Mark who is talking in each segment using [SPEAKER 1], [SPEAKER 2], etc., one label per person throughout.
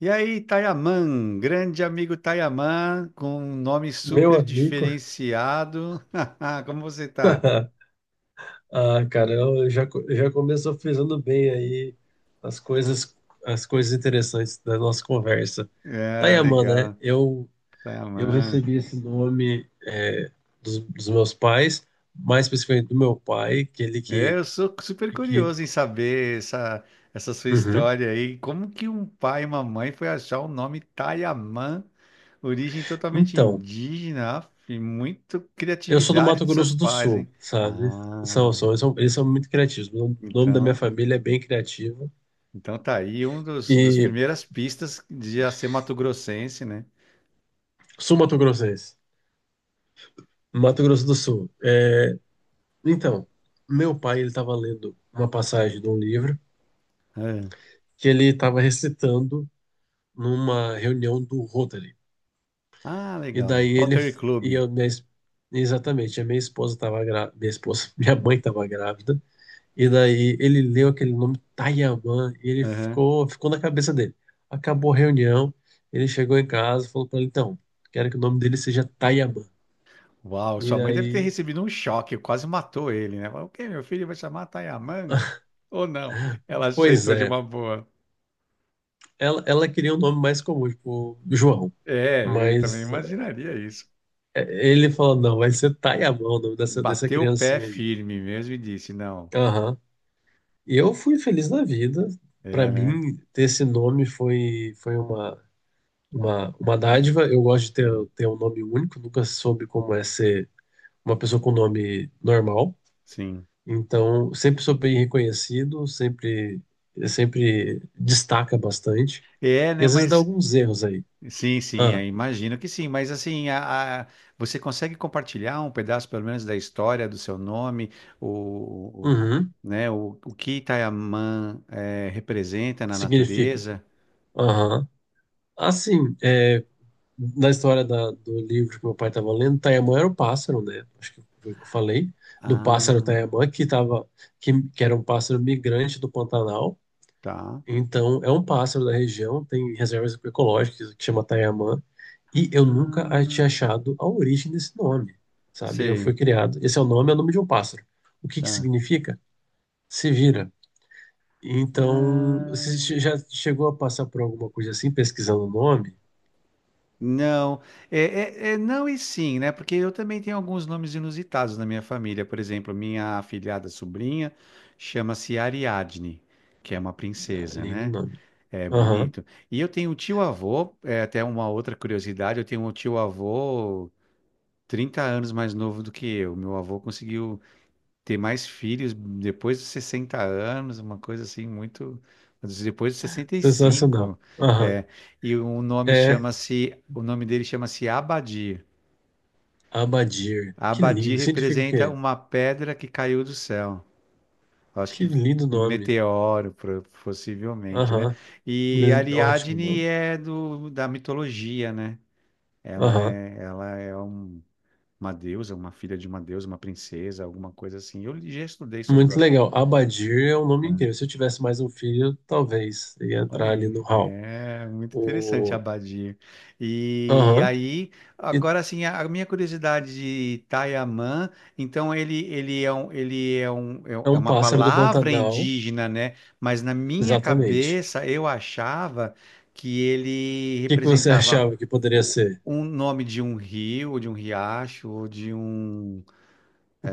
[SPEAKER 1] E aí, Tayaman, grande amigo Tayaman, com um nome
[SPEAKER 2] Meu
[SPEAKER 1] super
[SPEAKER 2] amigo,
[SPEAKER 1] diferenciado. Como você tá?
[SPEAKER 2] cara, já começou frisando bem aí as coisas, as coisas interessantes da nossa conversa.
[SPEAKER 1] É,
[SPEAKER 2] Tayaman, né?
[SPEAKER 1] legal,
[SPEAKER 2] Eu
[SPEAKER 1] Tayaman.
[SPEAKER 2] recebi esse nome dos meus pais, mais especificamente do meu pai, que ele
[SPEAKER 1] É, eu sou super
[SPEAKER 2] que...
[SPEAKER 1] curioso em saber essa sua
[SPEAKER 2] Uhum.
[SPEAKER 1] história aí. Como que um pai e uma mãe foi achar o nome Tayaman, origem totalmente
[SPEAKER 2] Então,
[SPEAKER 1] indígena, af, e muito
[SPEAKER 2] eu sou do
[SPEAKER 1] criatividade
[SPEAKER 2] Mato
[SPEAKER 1] dos seus
[SPEAKER 2] Grosso do
[SPEAKER 1] pais,
[SPEAKER 2] Sul,
[SPEAKER 1] hein?
[SPEAKER 2] sabe?
[SPEAKER 1] Ah,
[SPEAKER 2] Eles são muito criativos. O nome da minha
[SPEAKER 1] então.
[SPEAKER 2] família é bem criativo.
[SPEAKER 1] Então tá aí um dos
[SPEAKER 2] E
[SPEAKER 1] primeiras pistas de já ser mato-grossense, né?
[SPEAKER 2] sul-mato-grossense, Mato Grosso do Sul. É, então, meu pai, ele estava lendo uma passagem de um livro
[SPEAKER 1] É.
[SPEAKER 2] que ele estava recitando numa reunião do Rotary.
[SPEAKER 1] Ah,
[SPEAKER 2] E
[SPEAKER 1] legal.
[SPEAKER 2] daí ele
[SPEAKER 1] Rotary Club.
[SPEAKER 2] e eu minha, es- exatamente, a minha esposa estava grávida, minha esposa, minha mãe estava grávida. E daí ele leu aquele nome Tayaman e ele
[SPEAKER 1] Aham.
[SPEAKER 2] ficou na cabeça dele. Acabou a reunião, ele chegou em casa, e falou para ele, então, quero que o nome dele seja Tayaman.
[SPEAKER 1] Uau,
[SPEAKER 2] E
[SPEAKER 1] sua mãe deve ter
[SPEAKER 2] aí,
[SPEAKER 1] recebido um choque, quase matou ele, né? Falou, o quê? Meu filho vai chamar Tayaman? Ou não? Ela
[SPEAKER 2] pois
[SPEAKER 1] aceitou de
[SPEAKER 2] é,
[SPEAKER 1] uma boa.
[SPEAKER 2] ela queria um nome mais comum, tipo João.
[SPEAKER 1] É, eu também
[SPEAKER 2] Mas
[SPEAKER 1] imaginaria isso.
[SPEAKER 2] ele falou, não, vai ser Tayamão, o nome dessa, dessa
[SPEAKER 1] Bateu o pé
[SPEAKER 2] criancinha aí.
[SPEAKER 1] firme mesmo e disse, não.
[SPEAKER 2] Aham. E eu fui feliz da vida. Para
[SPEAKER 1] É, né?
[SPEAKER 2] mim, ter esse nome foi uma
[SPEAKER 1] Hum,
[SPEAKER 2] dádiva. Eu gosto de
[SPEAKER 1] hum.
[SPEAKER 2] ter um nome único, nunca soube como é ser uma pessoa com nome normal.
[SPEAKER 1] Sim.
[SPEAKER 2] Então, sempre sou bem reconhecido, sempre destaca bastante.
[SPEAKER 1] É,
[SPEAKER 2] E
[SPEAKER 1] né?
[SPEAKER 2] às vezes dá alguns erros aí.
[SPEAKER 1] Sim, sim,
[SPEAKER 2] Ah,
[SPEAKER 1] é, imagino que sim, mas assim, você consegue compartilhar um pedaço, pelo menos, da história do seu nome, o, o-
[SPEAKER 2] uhum,
[SPEAKER 1] né, o que Itaiamã representa na
[SPEAKER 2] significa.
[SPEAKER 1] natureza?
[SPEAKER 2] Aham. Assim, é. Na do livro que meu pai estava lendo, Tayamã era o pássaro, né? Acho que foi o que eu falei, do pássaro
[SPEAKER 1] Ah,
[SPEAKER 2] Tayamã, que era um pássaro migrante do Pantanal.
[SPEAKER 1] tá.
[SPEAKER 2] Então, é um pássaro da região, tem reservas ecológicas que chama Tayamã, e eu nunca a- tinha
[SPEAKER 1] Ah,
[SPEAKER 2] achado a origem desse nome, sabe? Eu fui
[SPEAKER 1] sei,
[SPEAKER 2] criado. Esse é o nome de um pássaro. O que que
[SPEAKER 1] tá.
[SPEAKER 2] significa? Se vira. Então,
[SPEAKER 1] Ah,
[SPEAKER 2] já chegou a passar por alguma coisa assim, pesquisando o nome?
[SPEAKER 1] não, é, é não e sim, né? Porque eu também tenho alguns nomes inusitados na minha família. Por exemplo, minha afilhada sobrinha chama-se Ariadne, que é uma princesa,
[SPEAKER 2] Além do
[SPEAKER 1] né?
[SPEAKER 2] nome.
[SPEAKER 1] É
[SPEAKER 2] Aham.
[SPEAKER 1] bonito. E eu tenho um tio-avô, é até uma outra curiosidade, eu tenho um tio-avô 30 anos mais novo do que eu. Meu avô conseguiu ter mais filhos depois dos 60 anos, uma coisa assim muito... Depois dos
[SPEAKER 2] Sensacional.
[SPEAKER 1] 65.
[SPEAKER 2] Aham.
[SPEAKER 1] É, e o nome
[SPEAKER 2] É
[SPEAKER 1] chama-se... O nome dele chama-se Abadir.
[SPEAKER 2] Abadir. Que
[SPEAKER 1] Abadir
[SPEAKER 2] lindo. Significa o
[SPEAKER 1] representa
[SPEAKER 2] quê?
[SPEAKER 1] uma pedra que caiu do céu. Acho
[SPEAKER 2] Que
[SPEAKER 1] que
[SPEAKER 2] lindo nome.
[SPEAKER 1] meteoro, possivelmente, né?
[SPEAKER 2] Aham.
[SPEAKER 1] E
[SPEAKER 2] Ótimo
[SPEAKER 1] Ariadne
[SPEAKER 2] nome.
[SPEAKER 1] é do, da mitologia, né? Ela
[SPEAKER 2] Aham.
[SPEAKER 1] é, ela é uma deusa, uma filha de uma deusa, uma princesa, alguma coisa assim. Eu já estudei sobre o
[SPEAKER 2] Muito
[SPEAKER 1] assunto.
[SPEAKER 2] legal. Abadir é um nome inteiro. Se eu tivesse mais um filho, talvez ia entrar
[SPEAKER 1] Olha
[SPEAKER 2] ali
[SPEAKER 1] aí,
[SPEAKER 2] no hall.
[SPEAKER 1] é muito interessante a
[SPEAKER 2] O...
[SPEAKER 1] abadia. E
[SPEAKER 2] Aham.
[SPEAKER 1] aí,
[SPEAKER 2] E
[SPEAKER 1] agora assim, a minha curiosidade de Taiamã, então ele,
[SPEAKER 2] é
[SPEAKER 1] é
[SPEAKER 2] um
[SPEAKER 1] uma
[SPEAKER 2] pássaro do
[SPEAKER 1] palavra
[SPEAKER 2] Pantanal.
[SPEAKER 1] indígena, né? Mas na minha
[SPEAKER 2] Exatamente.
[SPEAKER 1] cabeça eu achava que ele
[SPEAKER 2] O que que você
[SPEAKER 1] representava
[SPEAKER 2] achava que poderia
[SPEAKER 1] o-
[SPEAKER 2] ser?
[SPEAKER 1] um nome de um rio, ou de um riacho, ou de um...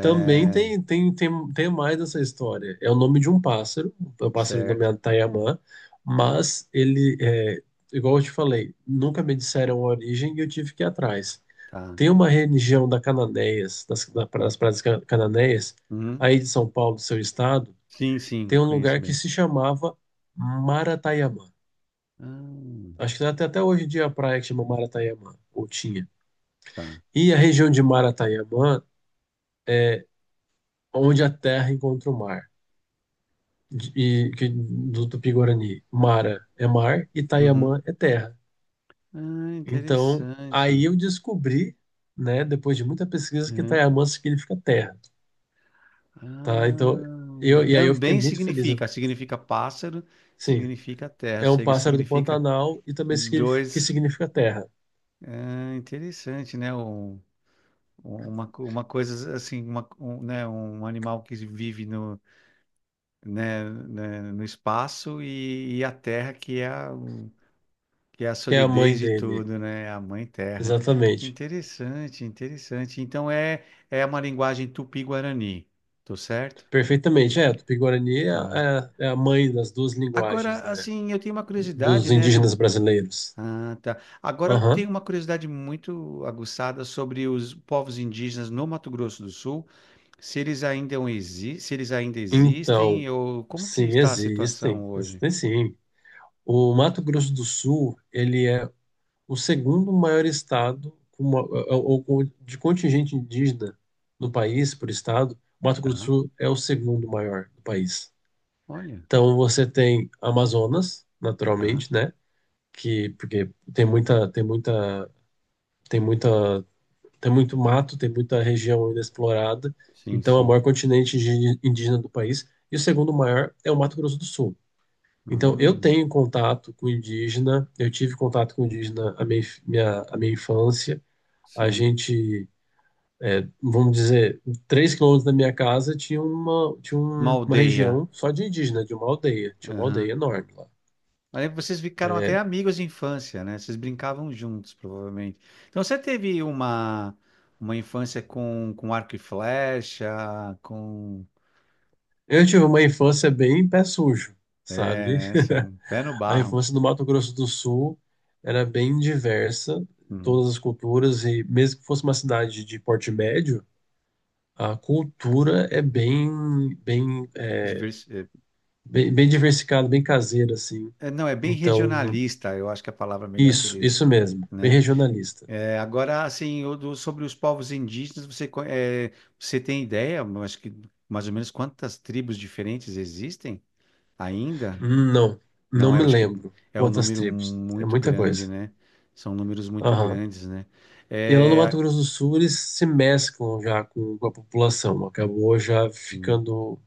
[SPEAKER 2] Também tem mais dessa história. É o nome de um pássaro, é um pássaro
[SPEAKER 1] certo,
[SPEAKER 2] nomeado Taiamã, mas ele, é, igual eu te falei, nunca me disseram a origem e eu tive que ir atrás.
[SPEAKER 1] tá.
[SPEAKER 2] Tem uma região da cananeias das, da- das praias Cananéias,
[SPEAKER 1] Uhum.
[SPEAKER 2] aí de São Paulo, do seu estado,
[SPEAKER 1] Sim, sim,
[SPEAKER 2] tem um
[SPEAKER 1] conheço
[SPEAKER 2] lugar que
[SPEAKER 1] bem.
[SPEAKER 2] se chamava Maratayamã.
[SPEAKER 1] Ah,
[SPEAKER 2] Acho que até hoje em dia a praia que chama Maratayamã, ou tinha.
[SPEAKER 1] tá.
[SPEAKER 2] E a região de Maratayamã é onde a terra encontra o mar. Do Tupi-Guarani, Mara é mar e
[SPEAKER 1] Uhum.
[SPEAKER 2] Tayamã é terra.
[SPEAKER 1] Ah,
[SPEAKER 2] Então, aí
[SPEAKER 1] interessante.
[SPEAKER 2] eu descobri, né, depois de muita pesquisa, que
[SPEAKER 1] Uhum.
[SPEAKER 2] Tayamã significa terra, tá? Então, eu,
[SPEAKER 1] Ah,
[SPEAKER 2] e aí eu fiquei
[SPEAKER 1] também
[SPEAKER 2] muito feliz.
[SPEAKER 1] significa pássaro,
[SPEAKER 2] Sim,
[SPEAKER 1] significa terra, ou
[SPEAKER 2] é um
[SPEAKER 1] seja,
[SPEAKER 2] pássaro do
[SPEAKER 1] significa
[SPEAKER 2] Pantanal e também
[SPEAKER 1] dois.
[SPEAKER 2] significa terra,
[SPEAKER 1] Ah, interessante, né? Uma coisa assim, né? Um animal que vive no, né, no espaço e, a terra que é a
[SPEAKER 2] que é a
[SPEAKER 1] solidez
[SPEAKER 2] mãe
[SPEAKER 1] de
[SPEAKER 2] dele,
[SPEAKER 1] tudo, né? A mãe terra.
[SPEAKER 2] exatamente.
[SPEAKER 1] Interessante, interessante. Então é uma linguagem tupi-guarani, tô certo?
[SPEAKER 2] Perfeitamente, é, Tupi-Guarani é,
[SPEAKER 1] Tá.
[SPEAKER 2] é a mãe das duas linguagens,
[SPEAKER 1] Agora,
[SPEAKER 2] né,
[SPEAKER 1] assim, eu tenho uma curiosidade,
[SPEAKER 2] dos
[SPEAKER 1] né? Do...
[SPEAKER 2] indígenas brasileiros.
[SPEAKER 1] Ah, tá. Agora, eu tenho
[SPEAKER 2] Aham.
[SPEAKER 1] uma curiosidade muito aguçada sobre os povos indígenas no Mato Grosso do Sul, se eles ainda
[SPEAKER 2] Então,
[SPEAKER 1] existem, ou como que
[SPEAKER 2] sim,
[SPEAKER 1] está a
[SPEAKER 2] existem,
[SPEAKER 1] situação hoje?
[SPEAKER 2] existem sim. O Mato Grosso do Sul, ele é o segundo maior estado com de contingente indígena no país, por estado. O Mato Grosso do
[SPEAKER 1] Tá.
[SPEAKER 2] Sul é o segundo maior do país.
[SPEAKER 1] Olha,
[SPEAKER 2] Então, você tem Amazonas,
[SPEAKER 1] tá.
[SPEAKER 2] naturalmente, né? Que, porque tem muita, tem muito mato, tem muita região ainda explorada.
[SPEAKER 1] Sim,
[SPEAKER 2] Então, é o
[SPEAKER 1] sim.
[SPEAKER 2] maior indígena do país. E o segundo maior é o Mato Grosso do Sul. Então, eu
[SPEAKER 1] Hum,
[SPEAKER 2] tenho contato com indígena, eu tive contato com indígena a a minha infância. A
[SPEAKER 1] sim.
[SPEAKER 2] gente, é, vamos dizer, 3 quilômetros da minha casa tinha
[SPEAKER 1] Uma
[SPEAKER 2] uma
[SPEAKER 1] aldeia.
[SPEAKER 2] região só de indígena, de uma aldeia. Tinha uma aldeia enorme lá.
[SPEAKER 1] Mas lembro que vocês ficaram até amigos de infância, né? Vocês brincavam juntos, provavelmente. Então você teve uma infância com arco e flecha, com.
[SPEAKER 2] Eu tive uma infância bem pé sujo,
[SPEAKER 1] É,
[SPEAKER 2] sabe?
[SPEAKER 1] né? Assim, pé no
[SPEAKER 2] A
[SPEAKER 1] barro.
[SPEAKER 2] infância no Mato Grosso do Sul era bem diversa,
[SPEAKER 1] Hum.
[SPEAKER 2] todas as culturas, e mesmo que fosse uma cidade de porte médio, a cultura é bem, bem
[SPEAKER 1] Divers- é,
[SPEAKER 2] Bem, bem diversificado, bem caseiro, assim.
[SPEAKER 1] é, não, é bem
[SPEAKER 2] Então,
[SPEAKER 1] regionalista, eu acho que a palavra melhor seria isso,
[SPEAKER 2] isso mesmo. Bem
[SPEAKER 1] né?
[SPEAKER 2] regionalista.
[SPEAKER 1] É, agora, assim, sobre os povos indígenas, você tem ideia, eu acho que mais ou menos quantas tribos diferentes existem ainda?
[SPEAKER 2] Não, não
[SPEAKER 1] Não, eu
[SPEAKER 2] me
[SPEAKER 1] acho que
[SPEAKER 2] lembro
[SPEAKER 1] é um
[SPEAKER 2] quantas
[SPEAKER 1] número
[SPEAKER 2] tribos. É
[SPEAKER 1] muito
[SPEAKER 2] muita
[SPEAKER 1] grande,
[SPEAKER 2] coisa.
[SPEAKER 1] né? São números muito
[SPEAKER 2] Aham.
[SPEAKER 1] grandes, né?
[SPEAKER 2] E lá no
[SPEAKER 1] É,
[SPEAKER 2] Mato Grosso do Sul, eles se mesclam já com a população. Acabou já ficando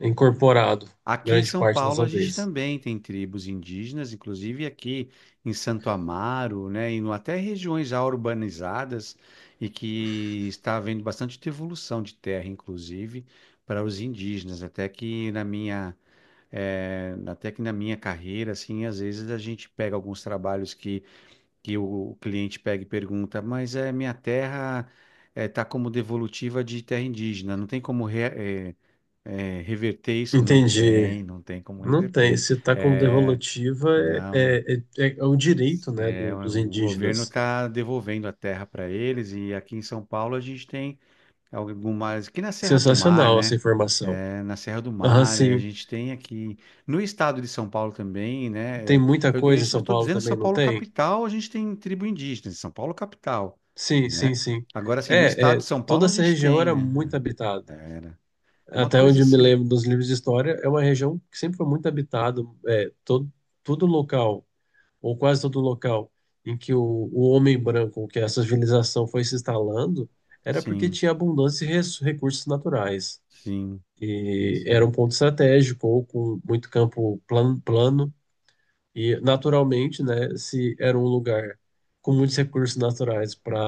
[SPEAKER 2] incorporado
[SPEAKER 1] aqui em
[SPEAKER 2] grande
[SPEAKER 1] São
[SPEAKER 2] parte das
[SPEAKER 1] Paulo a gente
[SPEAKER 2] aldeias.
[SPEAKER 1] também tem tribos indígenas, inclusive aqui em Santo Amaro, né? E até regiões já urbanizadas e que está havendo bastante devolução de terra, inclusive, para os indígenas. Até que na minha carreira, assim, às vezes a gente pega alguns trabalhos que o cliente pega e pergunta, mas é minha terra está como devolutiva de terra indígena, não tem como reverter isso? Não
[SPEAKER 2] Entendi.
[SPEAKER 1] tem, não tem como
[SPEAKER 2] Não tem.
[SPEAKER 1] reverter.
[SPEAKER 2] Se está como
[SPEAKER 1] É,
[SPEAKER 2] devolutiva,
[SPEAKER 1] não,
[SPEAKER 2] é o direito, né,
[SPEAKER 1] é,
[SPEAKER 2] dos
[SPEAKER 1] o governo
[SPEAKER 2] indígenas.
[SPEAKER 1] está devolvendo a terra para eles e aqui em São Paulo a gente tem algumas aqui na Serra do Mar,
[SPEAKER 2] Sensacional essa
[SPEAKER 1] né?
[SPEAKER 2] informação.
[SPEAKER 1] É, na Serra do
[SPEAKER 2] Aham,
[SPEAKER 1] Mar, é, a
[SPEAKER 2] sim.
[SPEAKER 1] gente tem aqui no estado de São Paulo também, né?
[SPEAKER 2] Tem
[SPEAKER 1] É,
[SPEAKER 2] muita
[SPEAKER 1] eu
[SPEAKER 2] coisa em São
[SPEAKER 1] estou
[SPEAKER 2] Paulo
[SPEAKER 1] dizendo São
[SPEAKER 2] também, não
[SPEAKER 1] Paulo
[SPEAKER 2] tem?
[SPEAKER 1] capital, a gente tem tribo indígena, em São Paulo capital,
[SPEAKER 2] Sim, sim,
[SPEAKER 1] né?
[SPEAKER 2] sim.
[SPEAKER 1] Agora, assim, no
[SPEAKER 2] É,
[SPEAKER 1] estado de
[SPEAKER 2] é,
[SPEAKER 1] São Paulo
[SPEAKER 2] toda
[SPEAKER 1] a
[SPEAKER 2] essa
[SPEAKER 1] gente
[SPEAKER 2] região
[SPEAKER 1] tem,
[SPEAKER 2] era muito
[SPEAKER 1] né?
[SPEAKER 2] habitada.
[SPEAKER 1] É, era uma
[SPEAKER 2] Até
[SPEAKER 1] coisa
[SPEAKER 2] onde eu me
[SPEAKER 1] assim,
[SPEAKER 2] lembro dos livros de história, é uma região que sempre foi muito habitada. É, todo, todo local, ou quase todo local, em que o homem branco, que a civilização foi se instalando, era porque
[SPEAKER 1] sim,
[SPEAKER 2] tinha abundância de recursos naturais.
[SPEAKER 1] sim,
[SPEAKER 2] E era um
[SPEAKER 1] sim,
[SPEAKER 2] ponto estratégico, ou com muito campo plano. E, naturalmente, né, se era um lugar com muitos recursos naturais para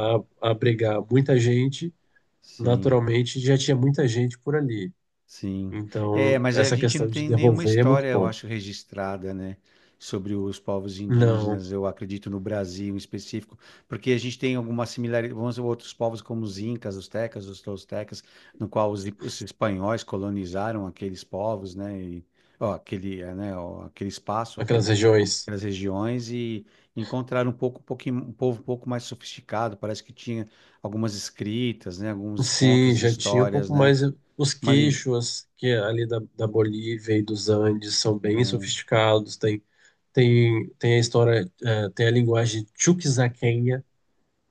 [SPEAKER 2] abrigar muita gente,
[SPEAKER 1] sim.
[SPEAKER 2] naturalmente já tinha muita gente por ali.
[SPEAKER 1] Sim. É,
[SPEAKER 2] Então,
[SPEAKER 1] mas a
[SPEAKER 2] essa
[SPEAKER 1] gente não
[SPEAKER 2] questão de
[SPEAKER 1] tem nenhuma
[SPEAKER 2] devolver é muito
[SPEAKER 1] história, eu
[SPEAKER 2] bom.
[SPEAKER 1] acho, registrada, né, sobre os povos
[SPEAKER 2] Não,
[SPEAKER 1] indígenas, eu acredito no Brasil em específico, porque a gente tem alguma similaridade, vamos dizer, outros povos como os incas, os tecas, os toltecas, no qual os espanhóis colonizaram aqueles povos, né, e, ó, aquele, é, né, ó, aquele espaço,
[SPEAKER 2] aquelas regiões.
[SPEAKER 1] aquelas regiões e encontraram um pouco, um pouquinho, um povo um pouco mais sofisticado, parece que tinha algumas escritas, né, alguns
[SPEAKER 2] Sim,
[SPEAKER 1] contos e
[SPEAKER 2] já tinha um
[SPEAKER 1] histórias,
[SPEAKER 2] pouco
[SPEAKER 1] né,
[SPEAKER 2] mais. Eh, os
[SPEAKER 1] uma língua.
[SPEAKER 2] queixos que é ali da Bolívia e dos Andes são bem sofisticados. Tem a história, eh, tem a linguagem chuquisaquenha,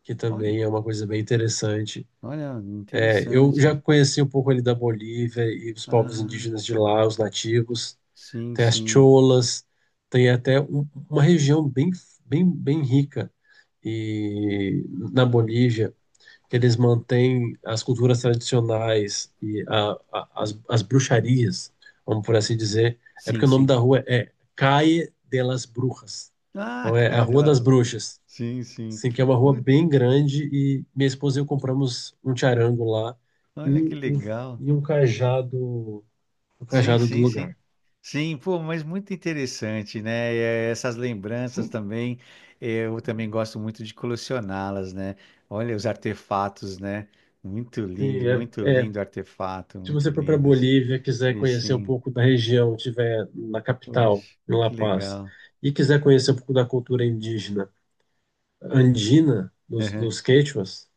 [SPEAKER 2] que
[SPEAKER 1] Olha,
[SPEAKER 2] também é uma coisa bem interessante.
[SPEAKER 1] olha,
[SPEAKER 2] É, eu já
[SPEAKER 1] interessante.
[SPEAKER 2] conheci um pouco ali da Bolívia e os povos
[SPEAKER 1] Ah,
[SPEAKER 2] indígenas de lá, os nativos.
[SPEAKER 1] sim,
[SPEAKER 2] Tem as
[SPEAKER 1] sim,
[SPEAKER 2] cholas, tem até uma região bem rica e na Bolívia que eles mantêm as culturas tradicionais e as bruxarias, vamos por assim dizer. É
[SPEAKER 1] sim,
[SPEAKER 2] porque o nome da
[SPEAKER 1] sim.
[SPEAKER 2] rua é Calle de las Brujas.
[SPEAKER 1] Ah,
[SPEAKER 2] Então é a
[SPEAKER 1] Caia de
[SPEAKER 2] Rua
[SPEAKER 1] la
[SPEAKER 2] das
[SPEAKER 1] Rua.
[SPEAKER 2] Bruxas.
[SPEAKER 1] Sim, sim.
[SPEAKER 2] Sim, que é uma rua
[SPEAKER 1] Ui,
[SPEAKER 2] bem grande e minha esposa e eu compramos um charango lá
[SPEAKER 1] olha que
[SPEAKER 2] e,
[SPEAKER 1] legal.
[SPEAKER 2] e, um cajado, um
[SPEAKER 1] Sim,
[SPEAKER 2] cajado do
[SPEAKER 1] sim, sim.
[SPEAKER 2] lugar.
[SPEAKER 1] Sim, pô, mas muito interessante, né? É, essas lembranças também, eu também gosto muito de colecioná-las, né? Olha os artefatos, né?
[SPEAKER 2] Sim,
[SPEAKER 1] Muito
[SPEAKER 2] é, é.
[SPEAKER 1] lindo artefato,
[SPEAKER 2] Se
[SPEAKER 1] muito
[SPEAKER 2] você for para
[SPEAKER 1] lindos.
[SPEAKER 2] Bolívia, quiser
[SPEAKER 1] E
[SPEAKER 2] conhecer um
[SPEAKER 1] sim,
[SPEAKER 2] pouco da região, tiver na capital,
[SPEAKER 1] poxa,
[SPEAKER 2] em La
[SPEAKER 1] que
[SPEAKER 2] Paz,
[SPEAKER 1] legal.
[SPEAKER 2] e quiser conhecer um pouco da cultura indígena andina
[SPEAKER 1] Aham.
[SPEAKER 2] dos quechuas,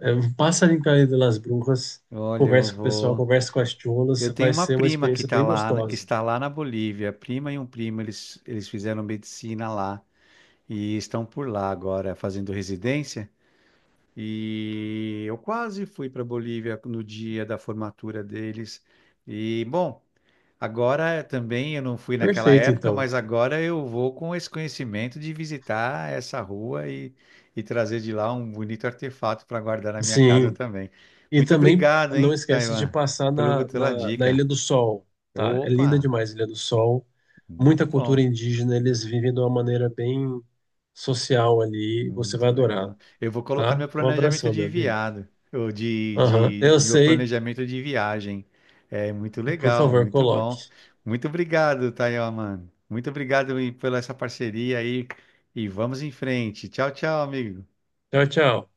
[SPEAKER 2] é, passa ali em Cayo de las Brujas,
[SPEAKER 1] Olha, eu
[SPEAKER 2] conversa com o pessoal,
[SPEAKER 1] vou.
[SPEAKER 2] conversa com as cholas,
[SPEAKER 1] Eu tenho
[SPEAKER 2] vai
[SPEAKER 1] uma
[SPEAKER 2] ser uma
[SPEAKER 1] prima que
[SPEAKER 2] experiência bem
[SPEAKER 1] que
[SPEAKER 2] gostosa.
[SPEAKER 1] está lá na Bolívia. Prima e um primo, eles fizeram medicina lá e estão por lá agora fazendo residência. E eu quase fui para Bolívia no dia da formatura deles. E bom, agora também eu não fui naquela
[SPEAKER 2] Perfeito,
[SPEAKER 1] época,
[SPEAKER 2] então.
[SPEAKER 1] mas agora eu vou com esse conhecimento de visitar essa rua e, trazer de lá um bonito artefato para guardar na minha casa
[SPEAKER 2] Sim.
[SPEAKER 1] também.
[SPEAKER 2] E
[SPEAKER 1] Muito
[SPEAKER 2] também
[SPEAKER 1] obrigado,
[SPEAKER 2] não
[SPEAKER 1] hein,
[SPEAKER 2] esquece de
[SPEAKER 1] Taiwan,
[SPEAKER 2] passar
[SPEAKER 1] pelo, pela
[SPEAKER 2] na
[SPEAKER 1] dica.
[SPEAKER 2] Ilha do Sol, tá? É linda
[SPEAKER 1] Opa,
[SPEAKER 2] demais a Ilha do Sol.
[SPEAKER 1] muito
[SPEAKER 2] Muita cultura
[SPEAKER 1] bom,
[SPEAKER 2] indígena, eles vivem de uma maneira bem social ali. Você vai
[SPEAKER 1] muito
[SPEAKER 2] adorar,
[SPEAKER 1] legal. Eu vou colocar no
[SPEAKER 2] tá?
[SPEAKER 1] meu
[SPEAKER 2] Um
[SPEAKER 1] planejamento
[SPEAKER 2] abração,
[SPEAKER 1] de
[SPEAKER 2] meu amigo.
[SPEAKER 1] viado, ou de,
[SPEAKER 2] Aham,
[SPEAKER 1] de
[SPEAKER 2] eu
[SPEAKER 1] meu
[SPEAKER 2] sei.
[SPEAKER 1] planejamento de viagem. É muito
[SPEAKER 2] Por
[SPEAKER 1] legal,
[SPEAKER 2] favor,
[SPEAKER 1] muito bom.
[SPEAKER 2] coloque.
[SPEAKER 1] Muito obrigado, Tayo, mano. Muito obrigado pela essa parceria aí e vamos em frente. Tchau, tchau, amigo.
[SPEAKER 2] Tchau, tchau.